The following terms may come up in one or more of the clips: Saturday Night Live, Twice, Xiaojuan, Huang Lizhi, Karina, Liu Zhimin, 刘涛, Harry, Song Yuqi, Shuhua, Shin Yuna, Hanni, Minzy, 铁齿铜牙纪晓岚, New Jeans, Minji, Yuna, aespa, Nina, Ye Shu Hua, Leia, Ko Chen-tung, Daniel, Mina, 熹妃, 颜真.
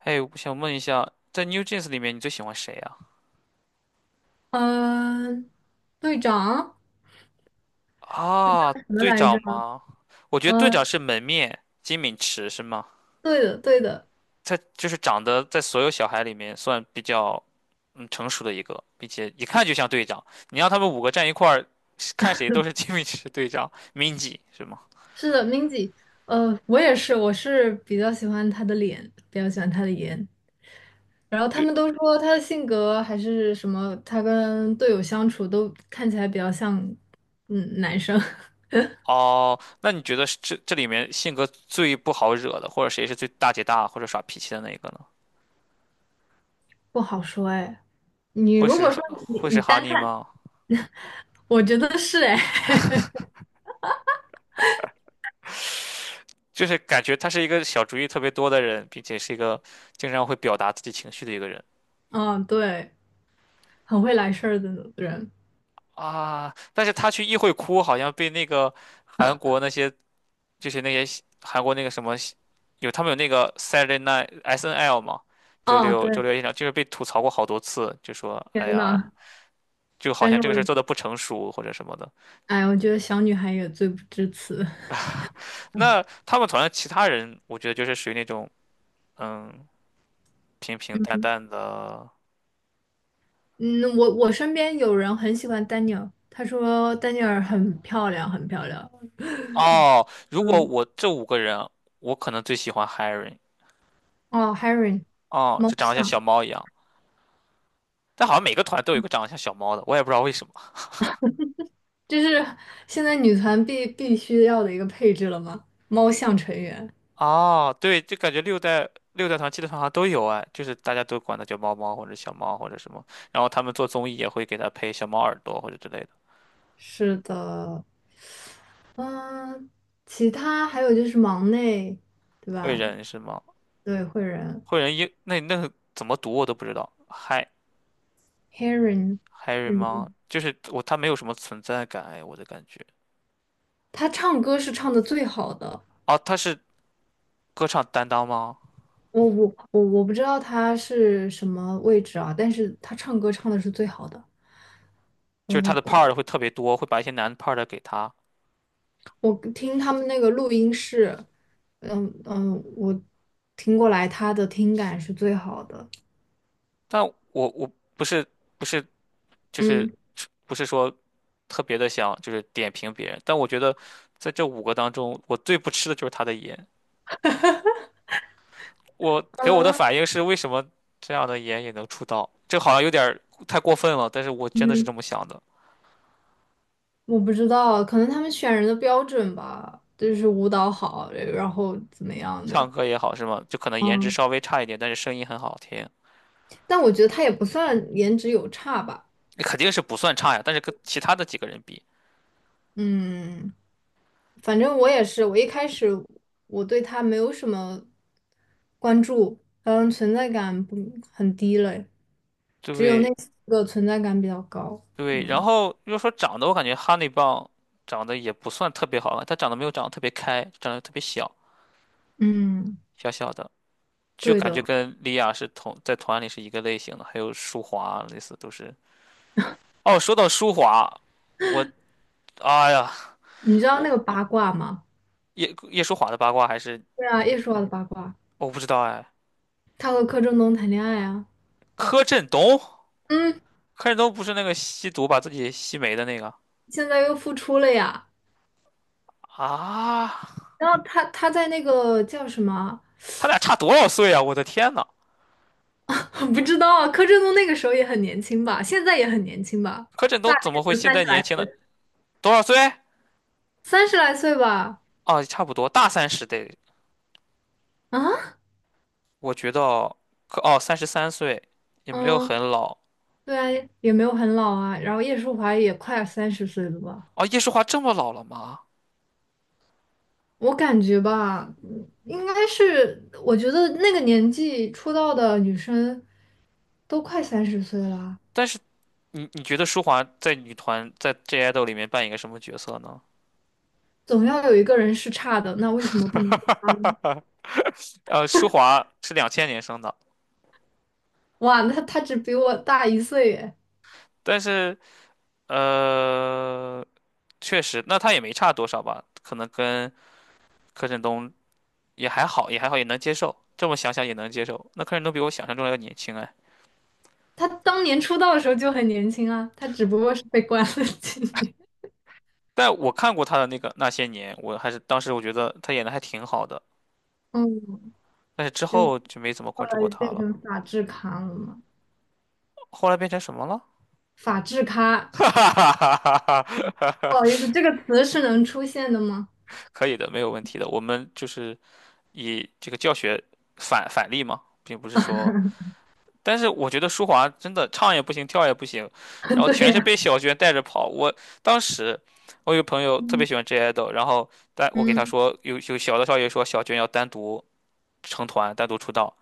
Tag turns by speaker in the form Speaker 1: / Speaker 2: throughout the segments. Speaker 1: 哎，我想问一下，在 New Jeans 里面你最喜欢谁啊？
Speaker 2: 嗯、队长
Speaker 1: 啊，
Speaker 2: 什么
Speaker 1: 队
Speaker 2: 来
Speaker 1: 长
Speaker 2: 着？
Speaker 1: 吗？我觉得队长
Speaker 2: 嗯、
Speaker 1: 是门面金敏池是吗？
Speaker 2: 对的，对的。
Speaker 1: 他就是长得在所有小孩里面算比较成熟的一个，并且一看就像队长。你让他们五个站一块儿，看谁都是金敏池队长 Minji 是吗？
Speaker 2: 是的，Minzy。我也是，我是比较喜欢他的脸，比较喜欢他的颜。然后他
Speaker 1: 就
Speaker 2: 们都说他的性格还是什么，他跟队友相处都看起来比较像，嗯，男生。
Speaker 1: 哦，那你觉得是这里面性格最不好惹的，或者谁是最大姐大或者耍脾气的那一个呢？
Speaker 2: 不好说哎，你
Speaker 1: 会
Speaker 2: 如
Speaker 1: 是
Speaker 2: 果说你
Speaker 1: 会是
Speaker 2: 你
Speaker 1: 哈
Speaker 2: 单
Speaker 1: 尼
Speaker 2: 看，
Speaker 1: 吗？
Speaker 2: 我觉得是哎，
Speaker 1: 就是感觉他是一个小主意特别多的人，并且是一个经常会表达自己情绪的一个人
Speaker 2: 嗯，对，很会来事儿的人。
Speaker 1: 啊。但是他去议会哭，好像被那个韩国那些就是那些韩国那个什么他们有那个 Saturday Night SNL 嘛，周
Speaker 2: 哦，
Speaker 1: 六周
Speaker 2: 对，
Speaker 1: 六夜场就是被吐槽过好多次，就说哎
Speaker 2: 天
Speaker 1: 呀，
Speaker 2: 呐，
Speaker 1: 就好
Speaker 2: 但
Speaker 1: 像
Speaker 2: 是
Speaker 1: 这
Speaker 2: 我
Speaker 1: 个事儿做的不成熟或者什么的。
Speaker 2: 哎，我觉得小女孩也罪不至此。
Speaker 1: 那 他们团的其他人，我觉得就是属于那种嗯平平淡淡的。
Speaker 2: 嗯，我身边有人很喜欢丹尼尔，他说丹尼尔很漂亮，很漂亮。
Speaker 1: 哦，如果
Speaker 2: 嗯。
Speaker 1: 我这五个人，我可能最喜欢 Harry。
Speaker 2: 哦，Harry
Speaker 1: 哦，
Speaker 2: 猫
Speaker 1: 就长得像小
Speaker 2: 像，
Speaker 1: 猫一样，但好像每个团都有一个长得像小猫的，我也不知道为什么。
Speaker 2: 这是现在女团必须要的一个配置了吗？猫像成员。
Speaker 1: 哦，对，就感觉六代团、七代团好像都有哎，就是大家都管它叫猫猫或者小猫或者什么，然后他们做综艺也会给他配小猫耳朵或者之类的。
Speaker 2: 是的，嗯，其他还有就是忙内，对
Speaker 1: 惠
Speaker 2: 吧？
Speaker 1: 人是吗？
Speaker 2: 对，会人
Speaker 1: 惠人英那个怎么读我都不知道
Speaker 2: Harry，
Speaker 1: Harry 吗？就是我他没有什么存在感哎，我的感觉。
Speaker 2: 他唱歌是唱的最好的。
Speaker 1: 哦，他是歌唱担当吗？
Speaker 2: 我不知道他是什么位置啊，但是他唱歌唱的是最好的。
Speaker 1: 就是他
Speaker 2: 呃，
Speaker 1: 的 part 会特别多，会把一些难的 part 给他。
Speaker 2: 我听他们那个录音室，嗯嗯，我听过来他的听感是最好的。
Speaker 1: 但我不是不是就是
Speaker 2: 嗯
Speaker 1: 不是说特别的想就是点评别人，但我觉得在这五个当中，我最不吃的就是他的颜。我给我的
Speaker 2: 嗯，
Speaker 1: 反应是，为什么这样的颜也能出道？这好像有点儿太过分了，但是我真的是
Speaker 2: 嗯，
Speaker 1: 这么想的。
Speaker 2: 我不知道，可能他们选人的标准吧，就是舞蹈好，然后怎么样
Speaker 1: 唱
Speaker 2: 的。
Speaker 1: 歌也好是吗？就可能颜值
Speaker 2: 嗯，
Speaker 1: 稍微差一点，但是声音很好听，
Speaker 2: 但我觉得他也不算颜值有差吧。
Speaker 1: 肯定是不算差呀。但是跟其他的几个人比，
Speaker 2: 嗯。反正我也是，我一开始我对他没有什么关注，嗯，存在感不很低了，只有那
Speaker 1: 对。
Speaker 2: 四个存在感比较高。
Speaker 1: 对，然
Speaker 2: 嗯
Speaker 1: 后要说长得，我感觉哈密棒长得也不算特别好看，它长得没有长得特别开，长得特别小，
Speaker 2: 嗯，
Speaker 1: 小小的，就
Speaker 2: 对
Speaker 1: 感觉
Speaker 2: 的。
Speaker 1: 跟莉亚是同在团里是一个类型的。还有舒华啊，类似都是。哦，说到舒华，我哎呀，
Speaker 2: 你知道
Speaker 1: 我
Speaker 2: 那个八卦吗？
Speaker 1: 叶舒华的八卦还是
Speaker 2: 对啊，
Speaker 1: 你，
Speaker 2: 叶舒华的八卦，
Speaker 1: 我不知道哎。
Speaker 2: 他和柯震东谈恋爱啊。
Speaker 1: 柯震东，
Speaker 2: 嗯，
Speaker 1: 柯震东不是那个吸毒把自己吸没的那个
Speaker 2: 现在又复出了呀。
Speaker 1: 啊？
Speaker 2: 然后他在那个叫什么？
Speaker 1: 他俩差多少岁啊？我的天呐，
Speaker 2: 不知道啊，柯震东那个时候也很年轻吧，现在也很年轻吧，
Speaker 1: 柯震东
Speaker 2: 大概
Speaker 1: 怎么会
Speaker 2: 也就
Speaker 1: 现
Speaker 2: 三
Speaker 1: 在
Speaker 2: 十
Speaker 1: 年
Speaker 2: 来
Speaker 1: 轻
Speaker 2: 岁，
Speaker 1: 呢？多少岁？
Speaker 2: 三十来岁吧。
Speaker 1: 哦，差不多大三十得，
Speaker 2: 啊？
Speaker 1: 我觉得哦，33岁也没有很
Speaker 2: 嗯，
Speaker 1: 老
Speaker 2: 对啊，也没有很老啊。然后叶舒华也快三十岁了吧？
Speaker 1: 哦。叶舒华这么老了吗？
Speaker 2: 我感觉吧，嗯应该是，我觉得那个年纪出道的女生都快三十岁了啊。
Speaker 1: 但是你觉得舒华在女团在 J IDOL 里面扮演一个什么角色呢？
Speaker 2: 总要有一个人是差的。那为什么不能？
Speaker 1: 舒华是2000年生的，
Speaker 2: 哇，那她只比我大一岁耶！
Speaker 1: 但是呃，确实，那他也没差多少吧？可能跟柯震东也还好，也还好，也能接受。这么想想也能接受。那柯震东比我想象中要年轻哎。
Speaker 2: 她当年出道的时候就很年轻啊，她只不过是被关了几年。
Speaker 1: 但我看过他的那个那些年，我还是当时我觉得他演的还挺好的，
Speaker 2: 嗯，
Speaker 1: 但是之
Speaker 2: 就
Speaker 1: 后就没怎么
Speaker 2: 后
Speaker 1: 关注过
Speaker 2: 来
Speaker 1: 他
Speaker 2: 变
Speaker 1: 了。
Speaker 2: 成法制咖了嘛？
Speaker 1: 后来变成什么了？
Speaker 2: 法制咖。
Speaker 1: 哈哈哈哈哈
Speaker 2: 不
Speaker 1: 哈！
Speaker 2: 好意思，这个词是能出现的吗？
Speaker 1: 可以的，没有问题的。我们就是以这个教学反例嘛，并不是说，但是我觉得舒华真的唱也不行，跳也不行，然 后
Speaker 2: 对
Speaker 1: 全是被
Speaker 2: 呀、
Speaker 1: 小娟带着跑。我当时我有个朋友特别
Speaker 2: 嗯
Speaker 1: 喜欢 J idol，然后但我给他
Speaker 2: 嗯
Speaker 1: 说有小的少爷说小娟要单独成团，单独出道。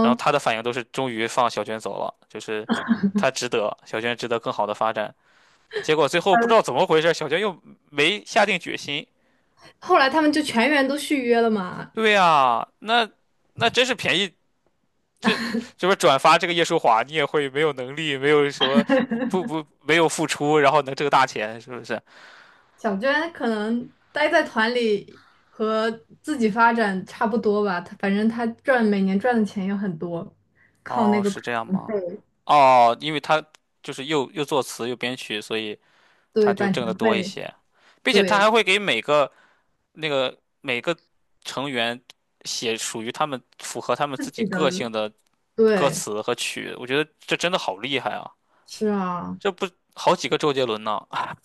Speaker 1: 然后他的反应都是终于放小娟走了，就是他值得，小娟值得更好的发展。结果最后不知道怎么回事，小娟又没下定决心。
Speaker 2: 后来他们就全员都续约了嘛。
Speaker 1: 对呀，那真是便宜，这这不转发这个叶舒华，你也会没有能力，没有什么不不不没有付出，然后能挣大钱，是不是？
Speaker 2: 小娟可能待在团里和自己发展差不多吧，她反正她赚每年赚的钱也很多，靠
Speaker 1: 哦，
Speaker 2: 那个
Speaker 1: 是这样吗？哦，因为他就是又作词又编曲，所以
Speaker 2: 对
Speaker 1: 他就
Speaker 2: 版权
Speaker 1: 挣得多一
Speaker 2: 费，
Speaker 1: 些，并且他
Speaker 2: 对
Speaker 1: 还会给每个成员写属于他们符合他们自
Speaker 2: 自
Speaker 1: 己
Speaker 2: 己
Speaker 1: 个
Speaker 2: 的，
Speaker 1: 性的歌
Speaker 2: 对，
Speaker 1: 词和曲，我觉得这真的好厉害啊！
Speaker 2: 是啊。
Speaker 1: 这不好几个周杰伦呢？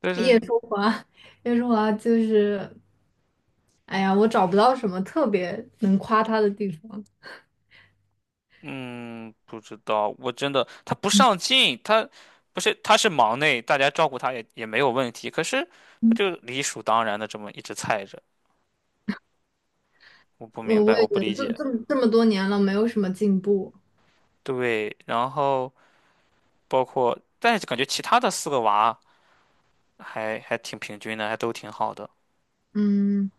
Speaker 1: 但
Speaker 2: 叶
Speaker 1: 是，
Speaker 2: 舒华，叶舒华就是，哎呀，我找不到什么特别能夸她的地方。
Speaker 1: 嗯，不知道，我真的他不上进，他不是他是忙内，大家照顾他也没有问题，可是他
Speaker 2: 嗯，
Speaker 1: 就理所当然的这么一直菜着，我不明
Speaker 2: 我
Speaker 1: 白，
Speaker 2: 我
Speaker 1: 我
Speaker 2: 也觉
Speaker 1: 不
Speaker 2: 得
Speaker 1: 理
Speaker 2: 这
Speaker 1: 解。
Speaker 2: 这么这么多年了，没有什么进步。
Speaker 1: 对，然后包括，但是感觉其他的四个娃还挺平均的，还都挺好的。
Speaker 2: 嗯。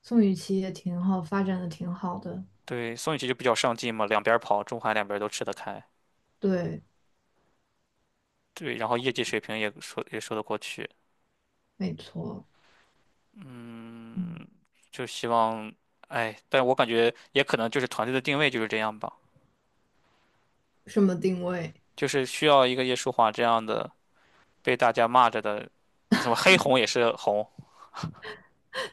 Speaker 2: 宋雨琦也挺好，发展的挺好的。
Speaker 1: 对，宋雨琦就比较上进嘛，两边儿跑，中韩两边儿都吃得开。
Speaker 2: 对，
Speaker 1: 对，然后业绩水平也说得过去。
Speaker 2: 没错。嗯，
Speaker 1: 嗯，就希望，哎，但我感觉也可能就是团队的定位就是这样吧，
Speaker 2: 什么定位？
Speaker 1: 就是需要一个叶舒华这样的被大家骂着的，什么黑红也是红，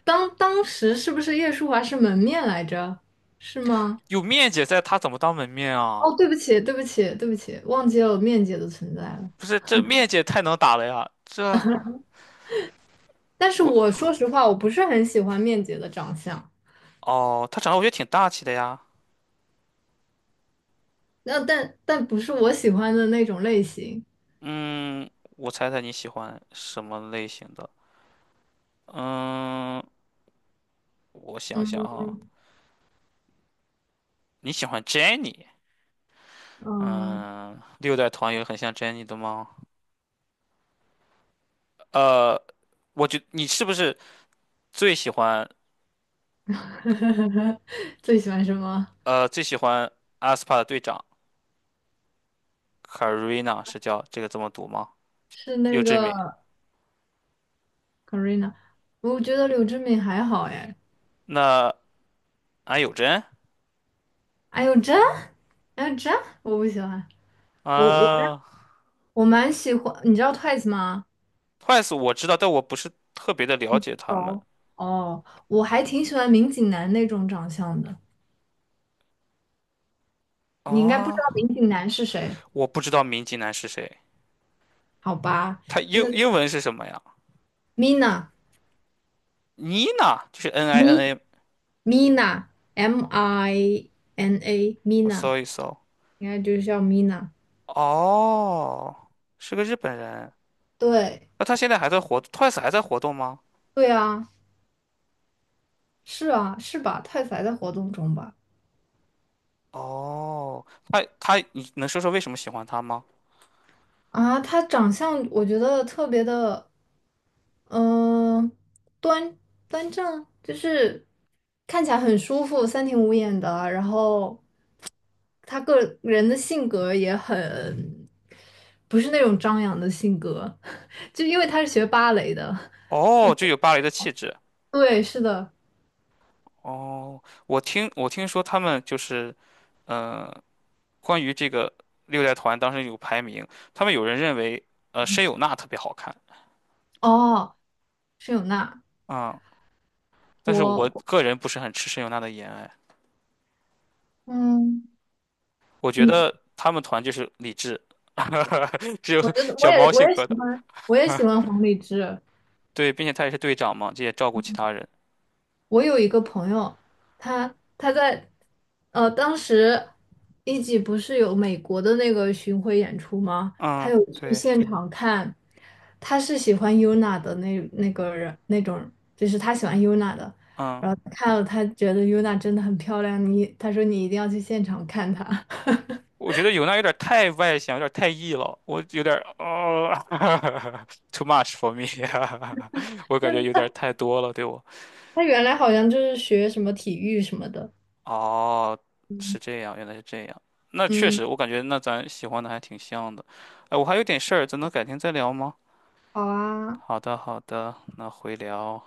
Speaker 2: 当时是不是叶舒华是门面来着？是吗？
Speaker 1: 有面姐在，她怎么当门面啊？
Speaker 2: 哦，对不起，对不起，对不起，忘记了有面姐的存在了。
Speaker 1: 不是，这面姐太能打了呀！
Speaker 2: 但是
Speaker 1: 我
Speaker 2: 我说实话，我不是很喜欢面姐的长相，
Speaker 1: 哦，她长得我觉得挺大气的呀。
Speaker 2: 但不是我喜欢的那种类型。
Speaker 1: 嗯，我猜猜你喜欢什么类型的？嗯。我想想啊，你喜欢 j e n n i
Speaker 2: 嗯，
Speaker 1: 嗯，六代团有很像 j e n n i 的吗？呃，我觉你是不是最喜欢
Speaker 2: 最喜欢什么？
Speaker 1: 呃最喜欢阿斯帕的队长 Karina 是叫这个这么读吗？
Speaker 2: 是
Speaker 1: 六
Speaker 2: 那
Speaker 1: 之
Speaker 2: 个
Speaker 1: 敏，
Speaker 2: Karina，我觉得柳智敏还好哎。
Speaker 1: 那安有真
Speaker 2: 哎呦这，哎呦这，我不喜欢。我我
Speaker 1: 啊
Speaker 2: 我蛮喜欢，你知道 Twice 吗？
Speaker 1: ，Twice 我知道，但我不是特别的了解他们
Speaker 2: 哦，哦，我还挺喜欢民警男那种长相的。你应该不知道
Speaker 1: 啊，
Speaker 2: 民警男是谁，
Speaker 1: 我不知道明基男是谁，
Speaker 2: 好吧？
Speaker 1: 他
Speaker 2: 那
Speaker 1: 英文是什么呀
Speaker 2: Mina
Speaker 1: ？Nina 就是 N I
Speaker 2: Mi
Speaker 1: N A，
Speaker 2: Mina M I N A
Speaker 1: 我
Speaker 2: Mina
Speaker 1: 搜一搜，
Speaker 2: 应该就是叫 Mina。
Speaker 1: 哦，是个日本人。
Speaker 2: 对。
Speaker 1: 那他现在还在活，Twice 还在活动吗？
Speaker 2: 对啊，是啊是吧？太宰在活动中吧？
Speaker 1: 哦，他，你能说说为什么喜欢他吗？
Speaker 2: 啊，他长相我觉得特别的。嗯、端端正，就是看起来很舒服，三庭五眼的。然后他个人的性格也很，不是那种张扬的性格，就因为他是学芭蕾的。
Speaker 1: 哦，就有芭蕾的气质。
Speaker 2: 对，是的。
Speaker 1: 哦，我听说他们就是，呃，关于这个六代团当时有排名，他们有人认为申有娜特别好看
Speaker 2: 哦，是有娜，
Speaker 1: 啊、但是我
Speaker 2: 我，
Speaker 1: 个人不是很吃申有娜的颜，哎，
Speaker 2: 嗯
Speaker 1: 我觉
Speaker 2: 嗯，
Speaker 1: 得他们团就是理智，只有
Speaker 2: 我觉得
Speaker 1: 小猫性
Speaker 2: 我也
Speaker 1: 格
Speaker 2: 喜
Speaker 1: 的，
Speaker 2: 欢，我也喜欢黄丽枝。
Speaker 1: 对，并且他也是队长嘛，这也照顾其他人。
Speaker 2: 我有一个朋友，他在当时一级不是有美国的那个巡回演出吗？他
Speaker 1: 嗯，
Speaker 2: 有去
Speaker 1: 对，
Speaker 2: 现场看，他是喜欢 Yuna 的那个人那种，就是他喜欢 Yuna 的，
Speaker 1: 嗯。
Speaker 2: 然后看了他觉得 Yuna 真的很漂亮，你他说你一定要去现场看她。
Speaker 1: 我觉得有娜有点太外向，有点太 E 了，我有点哦 ，too much for me，我感觉
Speaker 2: 真
Speaker 1: 有点
Speaker 2: 的，
Speaker 1: 太多了，对我。
Speaker 2: 他原来好像就是学什么体育什么的。
Speaker 1: 哦，是这样，原来是这样。那确
Speaker 2: 嗯，
Speaker 1: 实，我感觉那咱喜欢的还挺像的。哎，我还有点事儿，咱能改天再聊吗？
Speaker 2: 好啊。
Speaker 1: 好的，好的，那回聊。